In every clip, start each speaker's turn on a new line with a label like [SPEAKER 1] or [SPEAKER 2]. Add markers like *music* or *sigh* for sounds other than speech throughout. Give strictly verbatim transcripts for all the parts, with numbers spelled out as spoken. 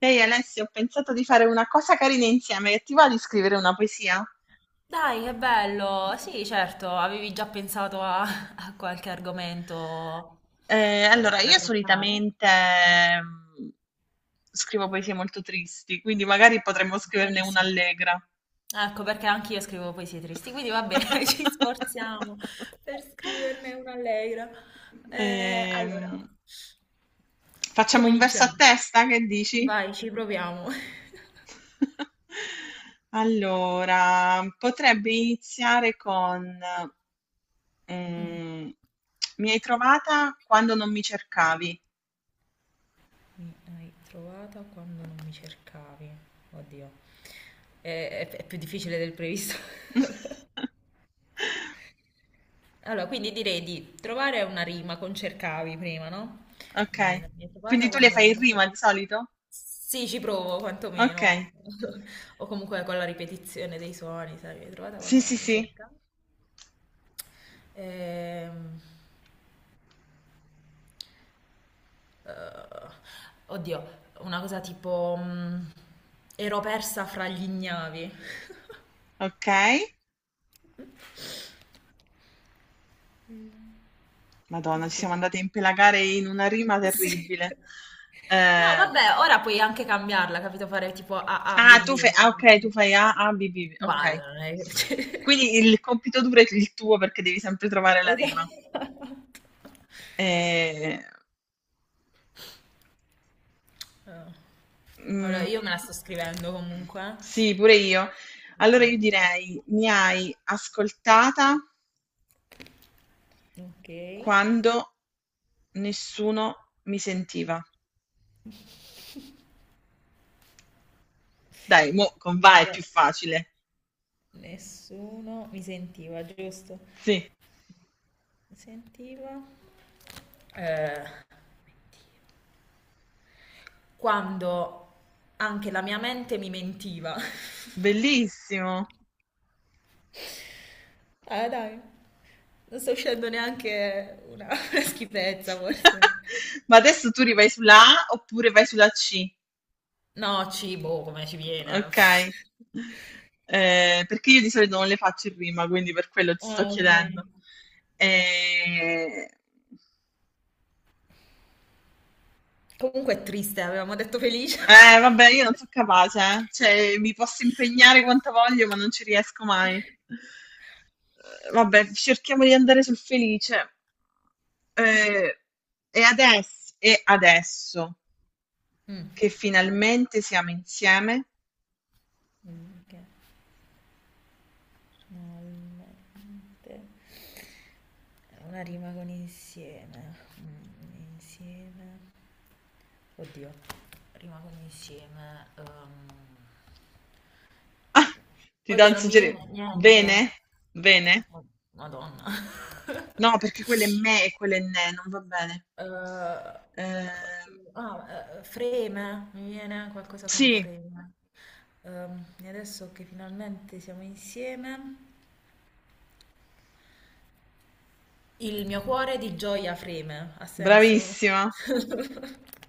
[SPEAKER 1] Ehi Alessio, ho pensato di fare una cosa carina insieme, che ti va di scrivere una poesia?
[SPEAKER 2] Dai, che bello! Sì, certo, avevi già pensato a, *laughs* a qualche argomento
[SPEAKER 1] Eh,
[SPEAKER 2] eh,
[SPEAKER 1] allora,
[SPEAKER 2] da
[SPEAKER 1] io
[SPEAKER 2] trattare?
[SPEAKER 1] solitamente mm, scrivo poesie molto tristi, quindi magari potremmo scriverne una
[SPEAKER 2] Benissimo.
[SPEAKER 1] allegra.
[SPEAKER 2] Ecco, perché anche io scrivo poesie tristi, quindi va bene, *laughs* ci sforziamo per
[SPEAKER 1] *laughs*
[SPEAKER 2] scriverne una allegra. Eh,
[SPEAKER 1] Ehm,
[SPEAKER 2] allora,
[SPEAKER 1] Facciamo
[SPEAKER 2] come
[SPEAKER 1] un verso a
[SPEAKER 2] iniziamo?
[SPEAKER 1] testa, che dici?
[SPEAKER 2] Vai, ci proviamo. *laughs*
[SPEAKER 1] *laughs* Allora, potrebbe iniziare con
[SPEAKER 2] Mm,
[SPEAKER 1] Mhmm, mi hai trovata quando non mi cercavi.
[SPEAKER 2] mi hai trovata quando non mi cercavi. Oddio, è, è- è più difficile del previsto. *laughs*
[SPEAKER 1] *laughs*
[SPEAKER 2] Allora, quindi direi di trovare una rima con cercavi prima, no? Eh,
[SPEAKER 1] Okay.
[SPEAKER 2] la mia
[SPEAKER 1] Quindi
[SPEAKER 2] trovata
[SPEAKER 1] tu le
[SPEAKER 2] quando
[SPEAKER 1] fai
[SPEAKER 2] non
[SPEAKER 1] in
[SPEAKER 2] mi
[SPEAKER 1] rima di
[SPEAKER 2] cercavi.
[SPEAKER 1] solito?
[SPEAKER 2] Sì, ci provo
[SPEAKER 1] Okay.
[SPEAKER 2] quantomeno. *laughs* O comunque con la ripetizione dei suoni, sai, mi hai trovata
[SPEAKER 1] Sì,
[SPEAKER 2] quando
[SPEAKER 1] sì,
[SPEAKER 2] non mi
[SPEAKER 1] sì.
[SPEAKER 2] cerca. Ehm, eh, Oddio, una cosa tipo... mm, ero persa fra gli ignavi.
[SPEAKER 1] Okay.
[SPEAKER 2] Mm.
[SPEAKER 1] Madonna, ci siamo
[SPEAKER 2] Quindi...
[SPEAKER 1] andate a impelagare in una rima
[SPEAKER 2] *laughs* Sì.
[SPEAKER 1] terribile.
[SPEAKER 2] No,
[SPEAKER 1] Ehm,
[SPEAKER 2] vabbè, ora puoi anche cambiarla, capito? Fare tipo A, A,
[SPEAKER 1] ah,
[SPEAKER 2] B,
[SPEAKER 1] tu
[SPEAKER 2] B.
[SPEAKER 1] fe
[SPEAKER 2] no?
[SPEAKER 1] ah, okay, tu fai A, A, B, B,
[SPEAKER 2] Ma
[SPEAKER 1] okay.
[SPEAKER 2] non è... cioè-
[SPEAKER 1] Quindi il compito duro è il tuo perché devi sempre trovare
[SPEAKER 2] *laughs*
[SPEAKER 1] la rima.
[SPEAKER 2] Esatto.
[SPEAKER 1] Ehm
[SPEAKER 2] Eh. Allora,
[SPEAKER 1] Mhmm.
[SPEAKER 2] io me la sto scrivendo comunque.
[SPEAKER 1] Sì, pure io.
[SPEAKER 2] Ok.
[SPEAKER 1] Allora io direi: mi hai ascoltata
[SPEAKER 2] Ok.
[SPEAKER 1] quando nessuno mi sentiva. Dai, mo' con va è più
[SPEAKER 2] Do-
[SPEAKER 1] facile.
[SPEAKER 2] nessuno mi sentiva, giusto?
[SPEAKER 1] Sì,
[SPEAKER 2] Mi sentiva. Eh, Quando anche la mia mente mi mentiva. *laughs*
[SPEAKER 1] bellissimo.
[SPEAKER 2] Ah, dai, non sto uscendo neanche una, *laughs* una schifezza, forse.
[SPEAKER 1] *laughs* Ma adesso tu rivai sulla A oppure vai sulla C?
[SPEAKER 2] No, cibo, come ci viene.
[SPEAKER 1] Okay.
[SPEAKER 2] *laughs*
[SPEAKER 1] Ehm, perché io di solito non le faccio in rima, quindi per quello ti sto
[SPEAKER 2] Ah, ok.
[SPEAKER 1] chiedendo. Ehm
[SPEAKER 2] Comunque è triste, avevamo detto felice.
[SPEAKER 1] Eh, vabbè, io non so capace, eh. Cioè, mi posso impegnare quanto voglio, ma non ci riesco mai.
[SPEAKER 2] *laughs*
[SPEAKER 1] Eh, Vabbè, cerchiamo di andare sul felice. Eh, e adesso, e adesso
[SPEAKER 2] Mm.
[SPEAKER 1] che finalmente siamo insieme.
[SPEAKER 2] Mm, che finalmente è una rima con insieme. Mm, insieme. Oddio. Rimangono insieme. ehm.
[SPEAKER 1] Ah, ti do
[SPEAKER 2] Oddio,
[SPEAKER 1] un
[SPEAKER 2] non mi
[SPEAKER 1] suggerimento.
[SPEAKER 2] viene niente.
[SPEAKER 1] Bene? Bene?
[SPEAKER 2] Oh, Madonna. *laughs*
[SPEAKER 1] No, perché quello è me e quello è ne, non va bene.
[SPEAKER 2] Eh,
[SPEAKER 1] Eh,
[SPEAKER 2] ah, eh, Freme, mi viene qualcosa con
[SPEAKER 1] sì,
[SPEAKER 2] freme. Ehm, e adesso che finalmente siamo insieme, il mio cuore di gioia freme, ha senso?
[SPEAKER 1] bravissima.
[SPEAKER 2] *laughs*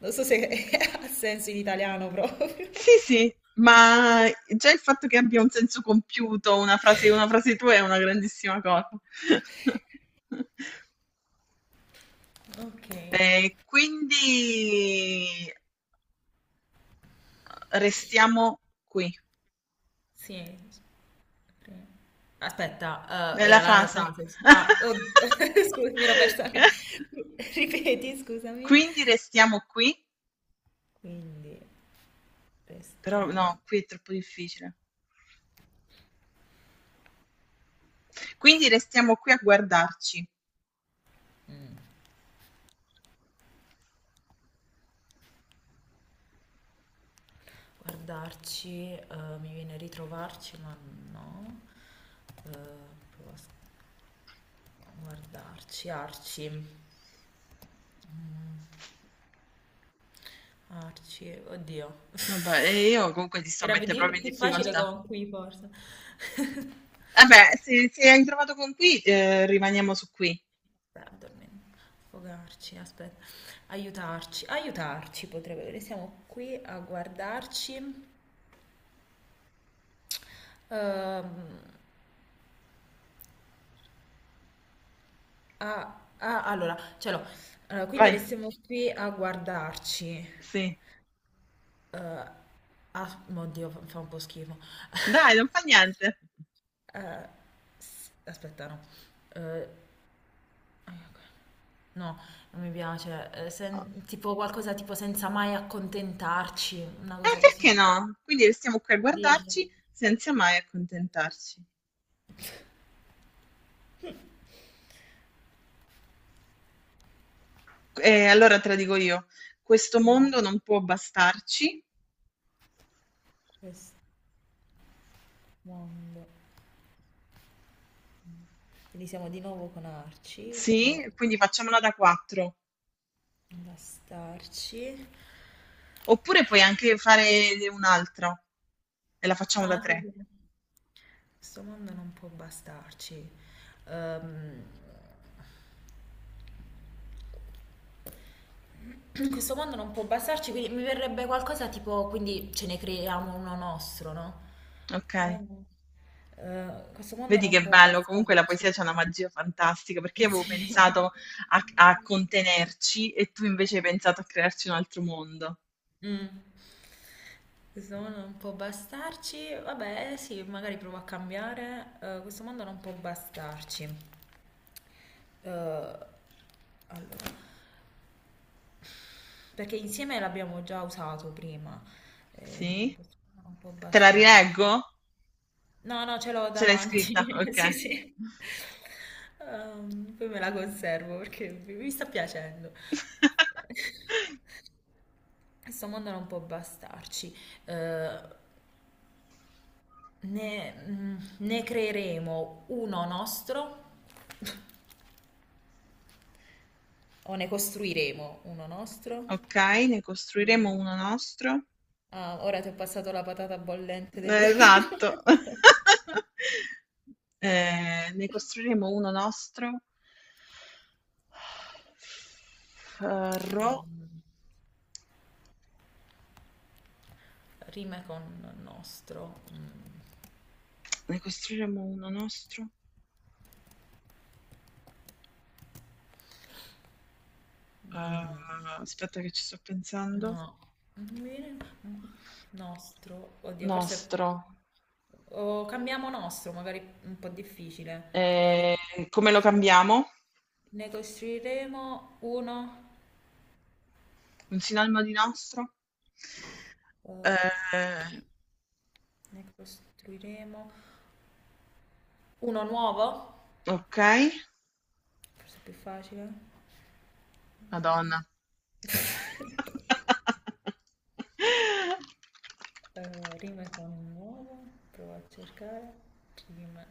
[SPEAKER 2] Non so se *laughs* ha senso in italiano proprio.
[SPEAKER 1] Sì, sì, ma già il fatto che abbia un senso compiuto, una frase, una frase tua è una grandissima cosa. *laughs*
[SPEAKER 2] Ok,
[SPEAKER 1] E quindi restiamo qui,
[SPEAKER 2] sì. Ok. Aspetta, eh,
[SPEAKER 1] nella
[SPEAKER 2] era la
[SPEAKER 1] frase.
[SPEAKER 2] Frances. Ah, oddio, *laughs* scusa, mi ero
[SPEAKER 1] *laughs*
[SPEAKER 2] persa. La- *laughs* Ripeti, scusami.
[SPEAKER 1] Quindi restiamo qui,
[SPEAKER 2] Quindi,
[SPEAKER 1] però
[SPEAKER 2] restiamo.
[SPEAKER 1] no, qui è troppo difficile. Quindi restiamo qui a guardarci.
[SPEAKER 2] Mm. Guardarci, eh, mi viene ritrovarci, ma no. Eh, Provo a s- guardarci, arci. Arci, oddio.
[SPEAKER 1] Vabbè, e io comunque ti sto a
[SPEAKER 2] Era più
[SPEAKER 1] mettere
[SPEAKER 2] di-
[SPEAKER 1] proprio in
[SPEAKER 2] più facile
[SPEAKER 1] difficoltà.
[SPEAKER 2] con qui, forse.
[SPEAKER 1] Vabbè, se, se hai trovato con qui, eh, rimaniamo su qui.
[SPEAKER 2] Aspetta, dormi- sfogarci, aspetta. Aiutarci, aiutarci potrebbe. Restiamo qui a guardarci. Ehm, ah, ah, allora, ce l'ho. Allora, quindi
[SPEAKER 1] Vai,
[SPEAKER 2] restiamo qui a guardarci.
[SPEAKER 1] sì.
[SPEAKER 2] Eh, ah, Oddio, fa fa un po' schifo. *laughs*
[SPEAKER 1] Dai, non fa niente.
[SPEAKER 2] Eh, s- aspetta, no. Eh, no, Non mi piace. Eh, sen- tipo qualcosa tipo senza mai accontentarci, una
[SPEAKER 1] Eh,
[SPEAKER 2] cosa così.
[SPEAKER 1] perché no? Quindi restiamo qui a
[SPEAKER 2] Dici?
[SPEAKER 1] guardarci senza mai accontentarci. E allora te la dico io, questo
[SPEAKER 2] Ma
[SPEAKER 1] mondo non può bastarci,
[SPEAKER 2] questo mondo. Quindi siamo di nuovo con Arci, può
[SPEAKER 1] sì, quindi facciamola da quattro.
[SPEAKER 2] bastarci.
[SPEAKER 1] Oppure puoi anche fare un altro e la facciamo da
[SPEAKER 2] No, sì,
[SPEAKER 1] tre,
[SPEAKER 2] sì. Questo mondo non può bastarci. Ehm, *clears throat* questo mondo non può bastarci, quindi mi verrebbe qualcosa tipo, quindi ce ne creiamo uno nostro, no?
[SPEAKER 1] ok?
[SPEAKER 2] Questo mondo, eh, questo mondo
[SPEAKER 1] Vedi
[SPEAKER 2] non
[SPEAKER 1] che
[SPEAKER 2] può
[SPEAKER 1] bello, comunque la poesia
[SPEAKER 2] bastarci.
[SPEAKER 1] c'ha una magia fantastica, perché io avevo
[SPEAKER 2] *laughs* Sì.
[SPEAKER 1] pensato a, a contenerci e tu invece hai pensato a crearci un altro mondo.
[SPEAKER 2] Mm. Questo mondo non può bastarci. Vabbè, sì, magari provo a cambiare. Eh, questo mondo non può bastarci. Eh, allora, perché insieme l'abbiamo già usato prima. Eh,
[SPEAKER 1] Sì?
[SPEAKER 2] questo mondo non può
[SPEAKER 1] Te la
[SPEAKER 2] bastarci.
[SPEAKER 1] rileggo?
[SPEAKER 2] No, no, ce l'ho
[SPEAKER 1] Ce l'hai
[SPEAKER 2] davanti.
[SPEAKER 1] scritta?
[SPEAKER 2] *laughs*
[SPEAKER 1] Ok.
[SPEAKER 2] Sì, sì. Ehm, poi me la conservo perché mi mi sta piacendo.
[SPEAKER 1] *laughs*
[SPEAKER 2] Questo mondo non può bastarci. Eh, ne, mm, Ne creeremo uno nostro o ne costruiremo uno nostro?
[SPEAKER 1] Ok,
[SPEAKER 2] Cos-
[SPEAKER 1] ne costruiremo
[SPEAKER 2] mm.
[SPEAKER 1] uno nostro.
[SPEAKER 2] Ah, ora ti ho passato la patata bollente delle
[SPEAKER 1] Eh,
[SPEAKER 2] rime.
[SPEAKER 1] Esatto. *laughs* Eh, ne costruiremo uno nostro. Eh,
[SPEAKER 2] *laughs*
[SPEAKER 1] Ro,
[SPEAKER 2] Ehm, rime con nostro. Mm,
[SPEAKER 1] Ne costruiremo uno nostro. Uhm,
[SPEAKER 2] mm.
[SPEAKER 1] aspetta che ci sto pensando.
[SPEAKER 2] No, non mi viene- nostro, oddio, forse
[SPEAKER 1] Nostro.
[SPEAKER 2] o cambiamo nostro, magari un po' difficile trovare il
[SPEAKER 1] Ehm, Come lo
[SPEAKER 2] nostro.
[SPEAKER 1] cambiamo?
[SPEAKER 2] Ne costruiremo uno,
[SPEAKER 1] Un sinonimo di nostro?
[SPEAKER 2] eh,
[SPEAKER 1] Ehm,
[SPEAKER 2] ne costruiremo uno nuovo,
[SPEAKER 1] okay.
[SPEAKER 2] forse è più facile.
[SPEAKER 1] Madonna. *laughs*
[SPEAKER 2] Eh, rime con nuovo, provo a cercare. Rime.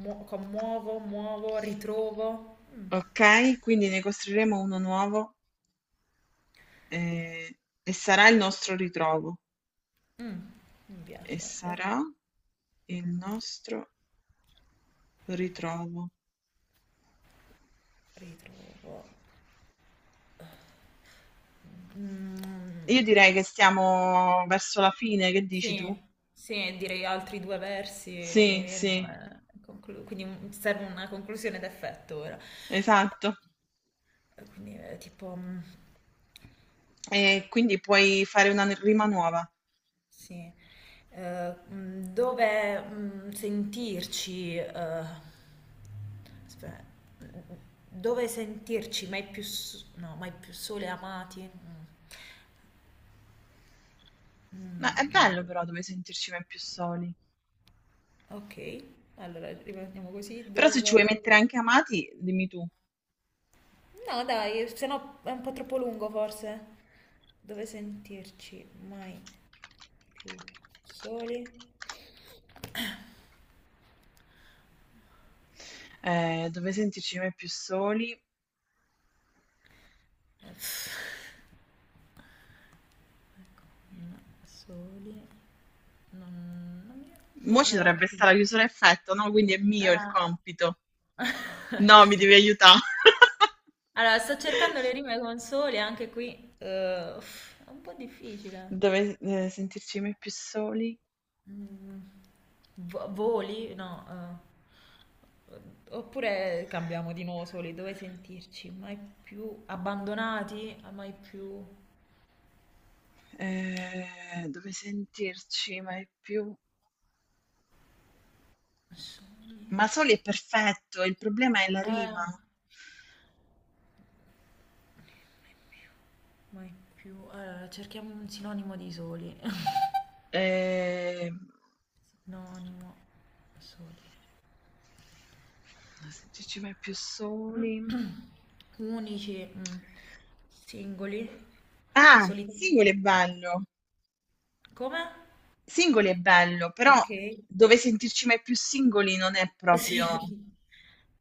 [SPEAKER 2] Mu- con muovo, muovo, ritrovo. Mm,
[SPEAKER 1] Okay, quindi ne costruiremo uno nuovo, ehm, e sarà il nostro ritrovo.
[SPEAKER 2] mm, Mi
[SPEAKER 1] E
[SPEAKER 2] piace. Eh.
[SPEAKER 1] sarà il nostro ritrovo.
[SPEAKER 2] Ritrovo. Mm.
[SPEAKER 1] Io direi che stiamo verso la fine, che dici tu?
[SPEAKER 2] Sì, sì, direi altri due versi più o
[SPEAKER 1] Sì,
[SPEAKER 2] meno,
[SPEAKER 1] sì,
[SPEAKER 2] eh, conclu- quindi un- serve una conclusione d'effetto ora.
[SPEAKER 1] esatto.
[SPEAKER 2] Eh, Quindi eh, tipo, mm,
[SPEAKER 1] E quindi puoi fare una rima nuova.
[SPEAKER 2] sì, Eh, mm, dove mm, sentirci, eh, aspetta, mm, dove sentirci mai più, s- no, mai più sole amati? Mm,
[SPEAKER 1] Ma è
[SPEAKER 2] mm, non mi
[SPEAKER 1] bello
[SPEAKER 2] viene.
[SPEAKER 1] però dove sentirci mai più soli.
[SPEAKER 2] Ok, allora rimaniamo così,
[SPEAKER 1] Però se ci vuoi
[SPEAKER 2] dove...
[SPEAKER 1] mettere anche amati, dimmi tu,
[SPEAKER 2] No, dai, se no è un po' troppo lungo forse. Dove sentirci mai più soli?
[SPEAKER 1] eh, dove sentirci mai più soli.
[SPEAKER 2] Uff, no, soli? Non, non mi...
[SPEAKER 1] Mo'
[SPEAKER 2] Boh,
[SPEAKER 1] ci
[SPEAKER 2] no, ho
[SPEAKER 1] dovrebbe
[SPEAKER 2] capito.
[SPEAKER 1] stare la chiusura a effetto, no? Quindi è mio il
[SPEAKER 2] Ah.
[SPEAKER 1] compito.
[SPEAKER 2] *laughs*
[SPEAKER 1] No, mi
[SPEAKER 2] Sì.
[SPEAKER 1] devi aiutare. *laughs*
[SPEAKER 2] Allora, sto cercando le rime con soli anche qui. Eh, uff, è un po' difficile.
[SPEAKER 1] Dove eh, sentirci mai più soli?
[SPEAKER 2] Mm, vo- Voli? No. eh. Oppure cambiamo di nuovo soli, dove sentirci? Mai più abbandonati? Mai più...
[SPEAKER 1] Eh, dove sentirci mai più...
[SPEAKER 2] Soli.
[SPEAKER 1] Ma soli è perfetto, il problema è la
[SPEAKER 2] Eh,
[SPEAKER 1] rima.
[SPEAKER 2] mai più. Eh, cerchiamo un sinonimo di soli. *laughs*
[SPEAKER 1] Ehm,
[SPEAKER 2] Sinonimo soli.
[SPEAKER 1] Sentirci mai più soli.
[SPEAKER 2] *clears throat* Unici. Mm. Singoli.
[SPEAKER 1] Ah,
[SPEAKER 2] Soli.
[SPEAKER 1] singoli è bello.
[SPEAKER 2] Come?
[SPEAKER 1] Singoli è bello, però
[SPEAKER 2] Ok. *laughs*
[SPEAKER 1] dove sentirci mai più singoli non è
[SPEAKER 2] Sì.
[SPEAKER 1] proprio,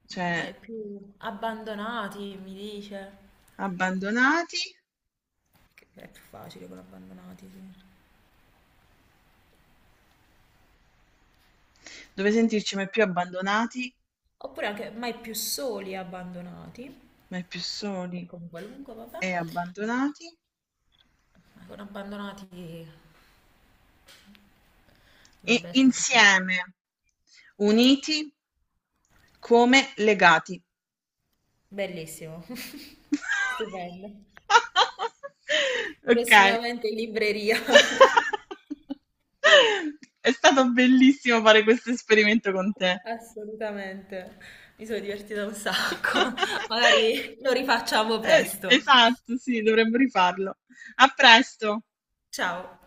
[SPEAKER 1] cioè,
[SPEAKER 2] Mai più. Abbandonati, mi dice.
[SPEAKER 1] abbandonati,
[SPEAKER 2] Che è più facile con abbandonati, sì.
[SPEAKER 1] dove sentirci mai più abbandonati,
[SPEAKER 2] Oppure anche mai più soli e abbandonati.
[SPEAKER 1] mai più
[SPEAKER 2] E
[SPEAKER 1] soli
[SPEAKER 2] con qualunque, vabbè.
[SPEAKER 1] e abbandonati,
[SPEAKER 2] Ancora abbandonati
[SPEAKER 1] e
[SPEAKER 2] dovrebbe essere un po' più...
[SPEAKER 1] insieme, uniti come legati.
[SPEAKER 2] Bellissimo, *laughs* stupendo.
[SPEAKER 1] *laughs* Ok.
[SPEAKER 2] Prossimamente in libreria. *laughs*
[SPEAKER 1] *laughs* È stato bellissimo fare questo esperimento con te.
[SPEAKER 2] Assolutamente. Mi sono divertita un sacco. *laughs*
[SPEAKER 1] *laughs*
[SPEAKER 2] Magari lo rifacciamo
[SPEAKER 1] Es
[SPEAKER 2] presto.
[SPEAKER 1] Esatto, sì, dovremmo rifarlo. A presto.
[SPEAKER 2] Ciao.